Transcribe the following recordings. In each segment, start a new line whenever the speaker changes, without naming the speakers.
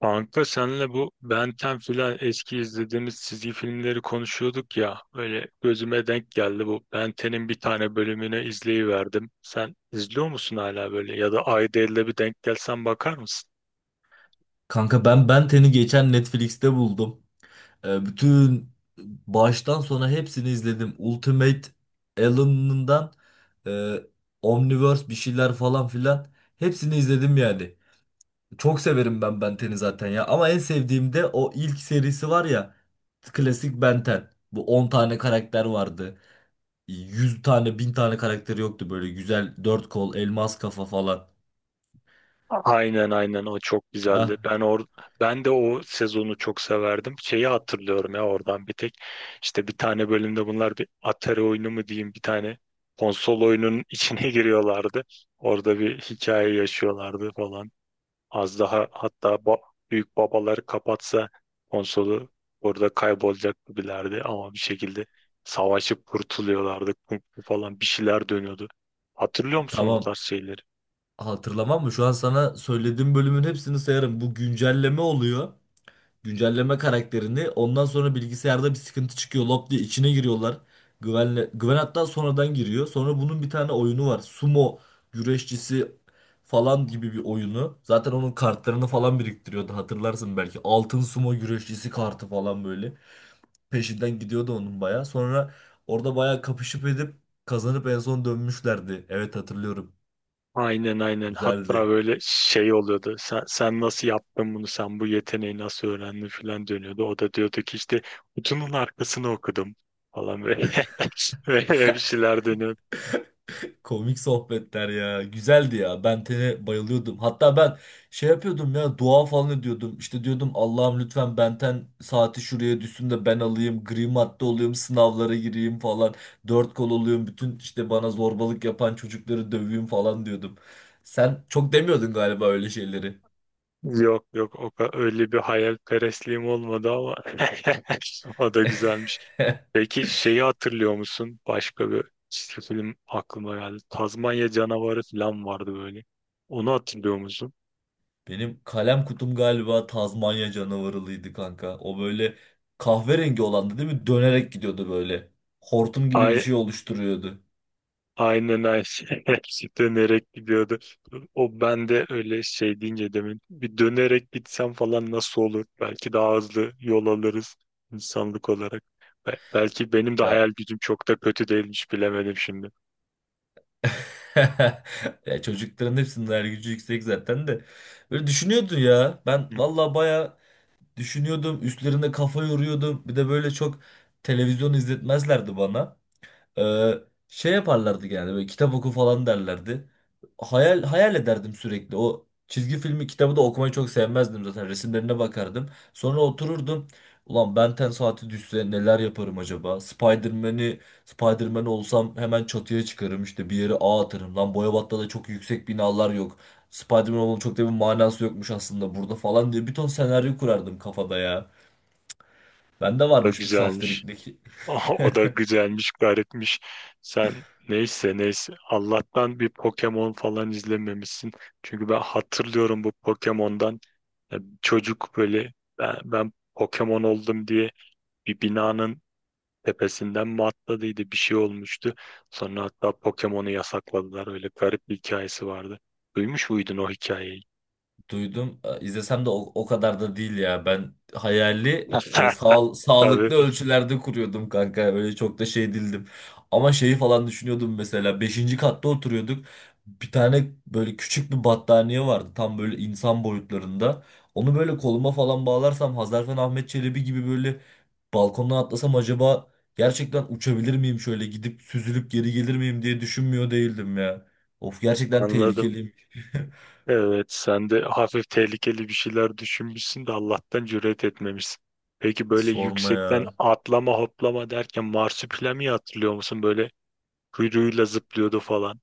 Kanka senle bu Ben 10 filan eski izlediğimiz çizgi filmleri konuşuyorduk ya. Öyle gözüme denk geldi bu. Ben 10'in bir tane bölümünü izleyiverdim. Sen izliyor musun hala böyle? Ya da ayda elde bir denk gelsen bakar mısın?
Kanka ben Benten'i geçen Netflix'te buldum. Bütün baştan sona hepsini izledim. Ultimate Alien'ından e, Omniverse bir şeyler falan filan hepsini izledim yani. Çok severim ben Benten'i zaten ya. Ama en sevdiğim de o ilk serisi var ya. Klasik Benten. Bu 10 tane karakter vardı. 100 tane 1000 tane karakteri yoktu böyle güzel dört kol elmas kafa falan.
Aynen, aynen, o çok güzeldi.
Ah,
Ben de o sezonu çok severdim. Şeyi hatırlıyorum ya oradan bir tek. İşte bir tane bölümde bunlar bir Atari oyunu mu diyeyim, bir tane konsol oyunun içine giriyorlardı. Orada bir hikaye yaşıyorlardı falan. Az daha hatta ba- Büyük babaları kapatsa konsolu orada kaybolacak gibilerdi, ama bir şekilde savaşıp kurtuluyorlardı, Kung fu falan bir şeyler dönüyordu. Hatırlıyor musun o
tamam.
tarz şeyleri?
Hatırlamam mı? Şu an sana söylediğim bölümün hepsini sayarım. Bu güncelleme oluyor. Güncelleme karakterini. Ondan sonra bilgisayarda bir sıkıntı çıkıyor. Lop diye içine giriyorlar. Güvenle, Güven hatta sonradan giriyor. Sonra bunun bir tane oyunu var. Sumo güreşçisi falan gibi bir oyunu. Zaten onun kartlarını falan biriktiriyordu. Hatırlarsın belki. Altın sumo güreşçisi kartı falan böyle. Peşinden gidiyordu onun baya. Sonra orada baya kapışıp edip kazanıp en son dönmüşlerdi. Evet, hatırlıyorum.
Aynen, aynen, hatta
Güzeldi.
böyle şey oluyordu: sen nasıl yaptın bunu, sen bu yeteneği nasıl öğrendin falan dönüyordu. O da diyordu ki, işte kutunun arkasını okudum falan böyle, böyle bir şeyler dönüyordu.
Komik sohbetler ya. Güzeldi ya. Ben Ten'e bayılıyordum. Hatta ben şey yapıyordum ya, dua falan ediyordum. İşte diyordum Allah'ım lütfen Ben Ten saati şuraya düşsün de ben alayım. Gri madde olayım, sınavlara gireyim falan. Dört kol olayım. Bütün işte bana zorbalık yapan çocukları döveyim falan diyordum. Sen çok demiyordun galiba öyle şeyleri.
Yok yok, öyle bir hayalperestliğim olmadı ama o da güzelmiş. Peki şeyi hatırlıyor musun? Başka bir çizgi film aklıma geldi. Tazmanya canavarı falan vardı böyle. Onu hatırlıyor musun?
Benim kalem kutum galiba Tazmanya canavarılıydı kanka. O böyle kahverengi olandı, değil mi? Dönerek gidiyordu böyle. Hortum gibi bir
Ay,
şey oluşturuyordu.
aynen aynen. Hepsi dönerek gidiyordu. O bende öyle, şey deyince, demin bir dönerek gitsem falan nasıl olur? Belki daha hızlı yol alırız insanlık olarak. Belki benim de
Ya,
hayal gücüm çok da kötü değilmiş, bilemedim şimdi.
ya çocukların hepsinin hayal gücü yüksek zaten de. Böyle düşünüyordun ya. Ben valla baya düşünüyordum. Üstlerine kafa yoruyordum. Bir de böyle çok televizyon izletmezlerdi bana. Ee, Şey yaparlardı yani, böyle kitap oku falan derlerdi. Hayal hayal ederdim sürekli. O çizgi filmi kitabı da okumayı çok sevmezdim zaten. Resimlerine bakardım. Sonra otururdum. Ulan Ben 10 saati düşse neler yaparım acaba? Spider-Man olsam hemen çatıya çıkarım, işte bir yere ağ atarım. Lan Boyabat'ta da çok yüksek binalar yok. Spider-Man olmanın çok da bir manası yokmuş aslında burada falan diye bir ton senaryo kurardım kafada ya. Bende
Da
varmış bir
güzelmiş.
saftiriklik.
O da güzelmiş, garipmiş. Sen neyse neyse. Allah'tan bir Pokemon falan izlememişsin. Çünkü ben hatırlıyorum bu Pokemon'dan. Yani çocuk böyle, ben Pokemon oldum diye bir binanın tepesinden mi atladıydı, bir şey olmuştu. Sonra hatta Pokemon'u yasakladılar. Öyle garip bir hikayesi vardı. Duymuş muydun o hikayeyi?
Duydum. İzlesem de o kadar da değil ya. Ben hayali sağlıklı
Tabii,
ölçülerde kuruyordum kanka. Öyle çok da şey değildim. Ama şeyi falan düşünüyordum mesela. Beşinci katta oturuyorduk. Bir tane böyle küçük bir battaniye vardı. Tam böyle insan boyutlarında. Onu böyle koluma falan bağlarsam Hazarfen Ahmet Çelebi gibi böyle balkondan atlasam acaba gerçekten uçabilir miyim, şöyle gidip süzülüp geri gelir miyim diye düşünmüyor değildim ya. Of, gerçekten
anladım.
tehlikeliyim.
Evet, sen de hafif tehlikeli bir şeyler düşünmüşsün de Allah'tan cüret etmemişsin. Peki, böyle
Sorma
yüksekten
ya.
atlama hoplama derken marsupilami hatırlıyor musun? Böyle kuyruğuyla zıplıyordu falan.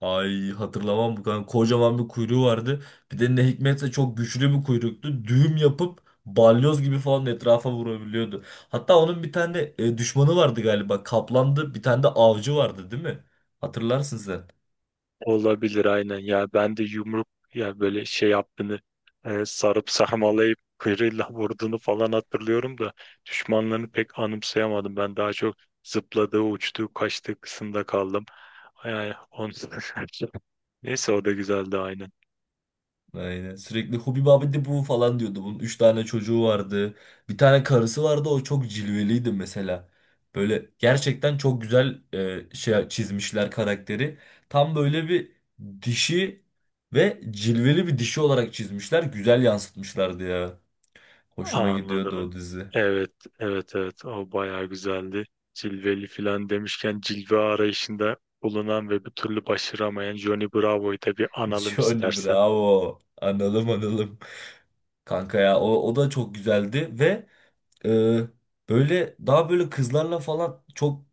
Ay, hatırlamam bu kadar. Kocaman bir kuyruğu vardı. Bir de ne hikmetse çok güçlü bir kuyruktu. Düğüm yapıp balyoz gibi falan etrafa vurabiliyordu. Hatta onun bir tane düşmanı vardı galiba. Kaplandı. Bir tane de avcı vardı, değil mi? Hatırlarsın sen.
Olabilir, aynen ya, ben de yumruk, ya böyle şey yaptığını, sarıp sarmalayıp kıyrıyla vurduğunu falan hatırlıyorum da düşmanlarını pek anımsayamadım. Ben daha çok zıpladığı, uçtuğu, kaçtığı kısımda kaldım. Yani on... Neyse, o da güzeldi aynen.
Aynen. Sürekli Hubi abi bu falan diyordu. Bunun üç tane çocuğu vardı. Bir tane karısı vardı. O çok cilveliydi mesela. Böyle gerçekten çok güzel şey çizmişler karakteri. Tam böyle bir dişi ve cilveli bir dişi olarak çizmişler. Güzel yansıtmışlardı ya. Hoşuma gidiyordu
Anladım.
o dizi.
Evet, evet, evet. O bayağı güzeldi. Cilveli filan demişken, cilve arayışında bulunan ve bir türlü başaramayan Johnny Bravo'yu da bir analım
Johnny
istersen.
Bravo. Analım analım. Kanka ya o da çok güzeldi ve e, böyle daha böyle kızlarla falan çok,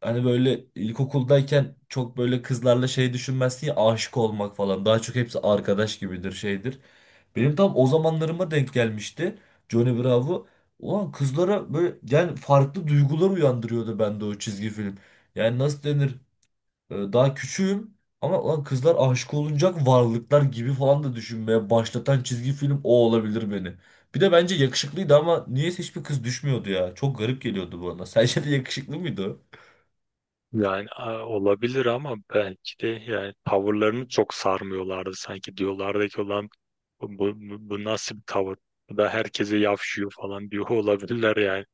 hani böyle ilkokuldayken çok böyle kızlarla şey düşünmezsin ya, aşık olmak falan. Daha çok hepsi arkadaş gibidir, şeydir. Benim tam o zamanlarıma denk gelmişti Johnny Bravo. Ulan kızlara böyle yani farklı duygular uyandırıyordu bende o çizgi film. Yani nasıl denir? Daha küçüğüm ama ulan kızlar aşık olunacak varlıklar gibi falan da düşünmeye başlatan çizgi film o olabilir beni. Bir de bence yakışıklıydı ama niyeyse hiçbir kız düşmüyordu ya. Çok garip geliyordu bana. Sence de yakışıklı mıydı o?
Yani olabilir, ama belki de yani tavırlarını çok sarmıyorlardı, sanki diyorlardı ki, olan bu, bu nasıl bir tavır? Bu da herkese yavşıyor falan diyor olabilirler yani.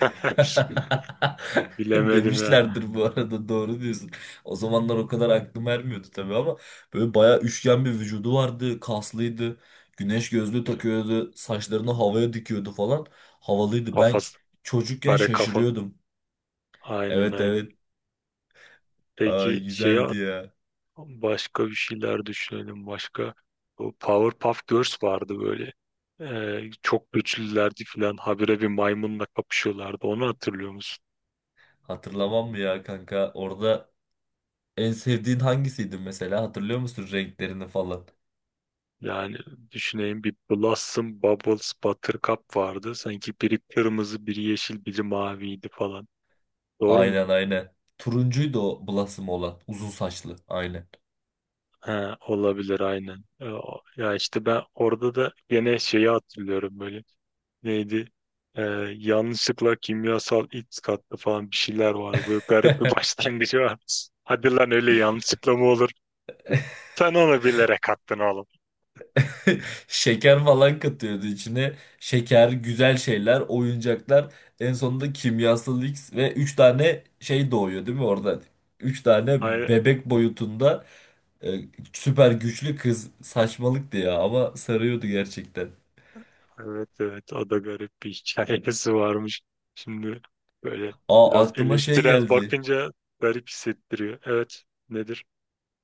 Bilemedim ya.
Demişlerdir, bu arada doğru diyorsun. O zamanlar o kadar aklım ermiyordu tabii ama böyle bayağı üçgen bir vücudu vardı, kaslıydı. Güneş gözlüğü takıyordu, saçlarını havaya dikiyordu falan. Havalıydı. Ben
Kafası
çocukken
kare kafa.
şaşırıyordum.
Aynen
Evet,
aynen.
evet. Ay,
Peki şeye,
güzeldi ya.
başka bir şeyler düşünelim. Başka, bu Powerpuff Girls vardı böyle. Çok güçlülerdi falan. Habire bir maymunla kapışıyorlardı. Onu hatırlıyor musun?
Hatırlamam mı ya kanka? Orada en sevdiğin hangisiydi mesela? Hatırlıyor musun renklerini falan?
Yani düşüneyim, bir Blossom, Bubbles, Buttercup vardı. Sanki biri kırmızı, biri yeşil, biri maviydi falan. Doğru mu?
Aynen, aynen. Turuncuydu o Blossom olan. Uzun saçlı. Aynen.
Ha, olabilir aynen. Ya işte ben orada da gene şeyi hatırlıyorum böyle. Neydi? E, Yanlışlıkla kimyasal X kattı falan, bir şeyler vardı. Böyle garip bir başlangıcı var. Hadi lan, öyle yanlışlıkla mı olur? Sen onu bilerek attın oğlum.
Şeker falan katıyordu içine. Şeker, güzel şeyler, oyuncaklar. En sonunda kimyasal X ve 3 tane şey doğuyor, değil mi oradan? 3 tane bebek boyutunda e, süper güçlü kız. Saçmalıktı ya ama sarıyordu gerçekten.
Evet evet, o da garip bir hikayesi varmış. Şimdi böyle
Aa,
biraz
aklıma şey
eleştirel
geldi.
bakınca garip hissettiriyor. Evet, nedir?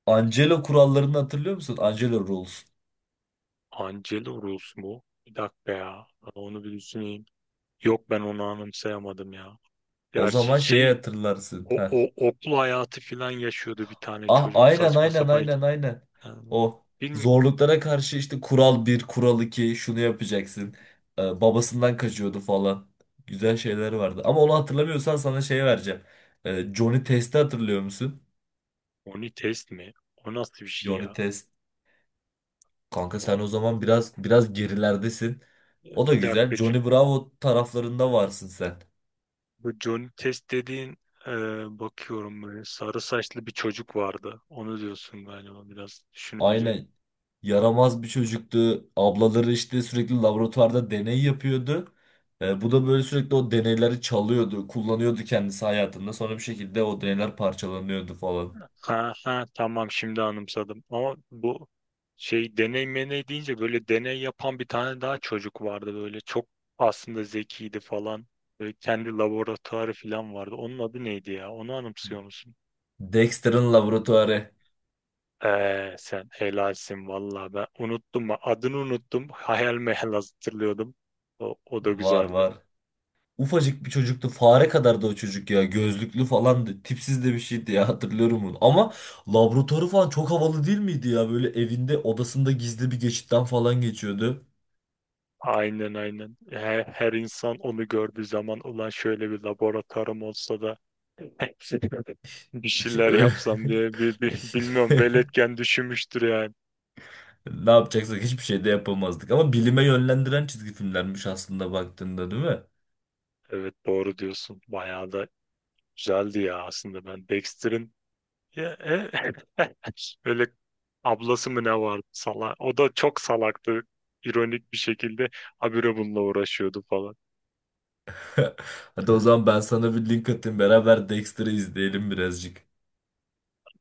Angelo kurallarını hatırlıyor musun? Angelo Rules.
Angelo Rus mu? Bir dakika ya. Ben onu bir düşüneyim. Yok, ben onu anımsayamadım ya.
O
Gerçi
zaman şeyi
şey,
hatırlarsın.
o,
Heh.
o okul hayatı filan yaşıyordu bir tane
Ah,
çocuk
aynen
saçma
aynen
sapan.
aynen aynen. O
Bilmiyorum.
zorluklara karşı işte kural bir, kural iki, şunu yapacaksın. Babasından kaçıyordu falan. Güzel şeyler vardı. Ama onu hatırlamıyorsan sana şey vereceğim. Johnny Test'i hatırlıyor musun?
Oni test mi? O nasıl bir şey
Johnny
ya?
Test. Kanka sen
O,
o zaman biraz biraz gerilerdesin. O da
bir
güzel.
dakika.
Johnny Bravo taraflarında varsın sen.
Bu Johnny Test dediğin, e, bakıyorum, böyle sarı saçlı bir çocuk vardı. Onu diyorsun galiba biraz düşününce.
Aynen, yaramaz bir çocuktu. Ablaları işte sürekli laboratuvarda deney yapıyordu. Bu da böyle sürekli o deneyleri çalıyordu, kullanıyordu kendisi hayatında. Sonra bir şekilde o deneyler parçalanıyordu falan.
Ha ha, tamam, şimdi anımsadım. Ama bu şey, deney meney deyince, böyle deney yapan bir tane daha çocuk vardı, böyle çok aslında zekiydi falan. Böyle kendi laboratuvarı falan vardı. Onun adı neydi ya? Onu anımsıyor musun?
Dexter'ın laboratuvarı,
Sen helalsin vallahi, ben unuttum adını, unuttum, hayal meyal hatırlıyordum. O da
var
güzeldi.
var. Ufacık bir çocuktu. Fare kadardı o çocuk ya. Gözlüklü falandı. Tipsiz de bir şeydi ya, hatırlıyorum bunu. Ama laboratuvarı falan çok havalı değil miydi ya? Böyle evinde odasında gizli bir geçitten falan geçiyordu.
Aynen aynen. Her insan onu gördüğü zaman ulan şöyle bir laboratuvarım olsa da bir
İçi
şeyler
öyle...
yapsam diye bilmiyorum, veletken düşünmüştür yani.
Ne yapacaksak hiçbir şey de yapamazdık. Ama bilime yönlendiren çizgi filmlermiş aslında baktığında, değil mi?
Evet, doğru diyorsun. Bayağı da güzeldi ya. Aslında ben Dexter'in ya, öyle ablası mı ne vardı salak. O da çok salaktı. İronik bir şekilde habire bununla uğraşıyordu falan.
Hadi o zaman ben sana bir link atayım. Beraber Dexter'ı izleyelim birazcık.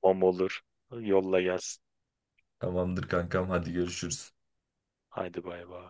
Bom olur. Yolla gelsin.
Tamamdır kankam, hadi görüşürüz.
Haydi bay bay.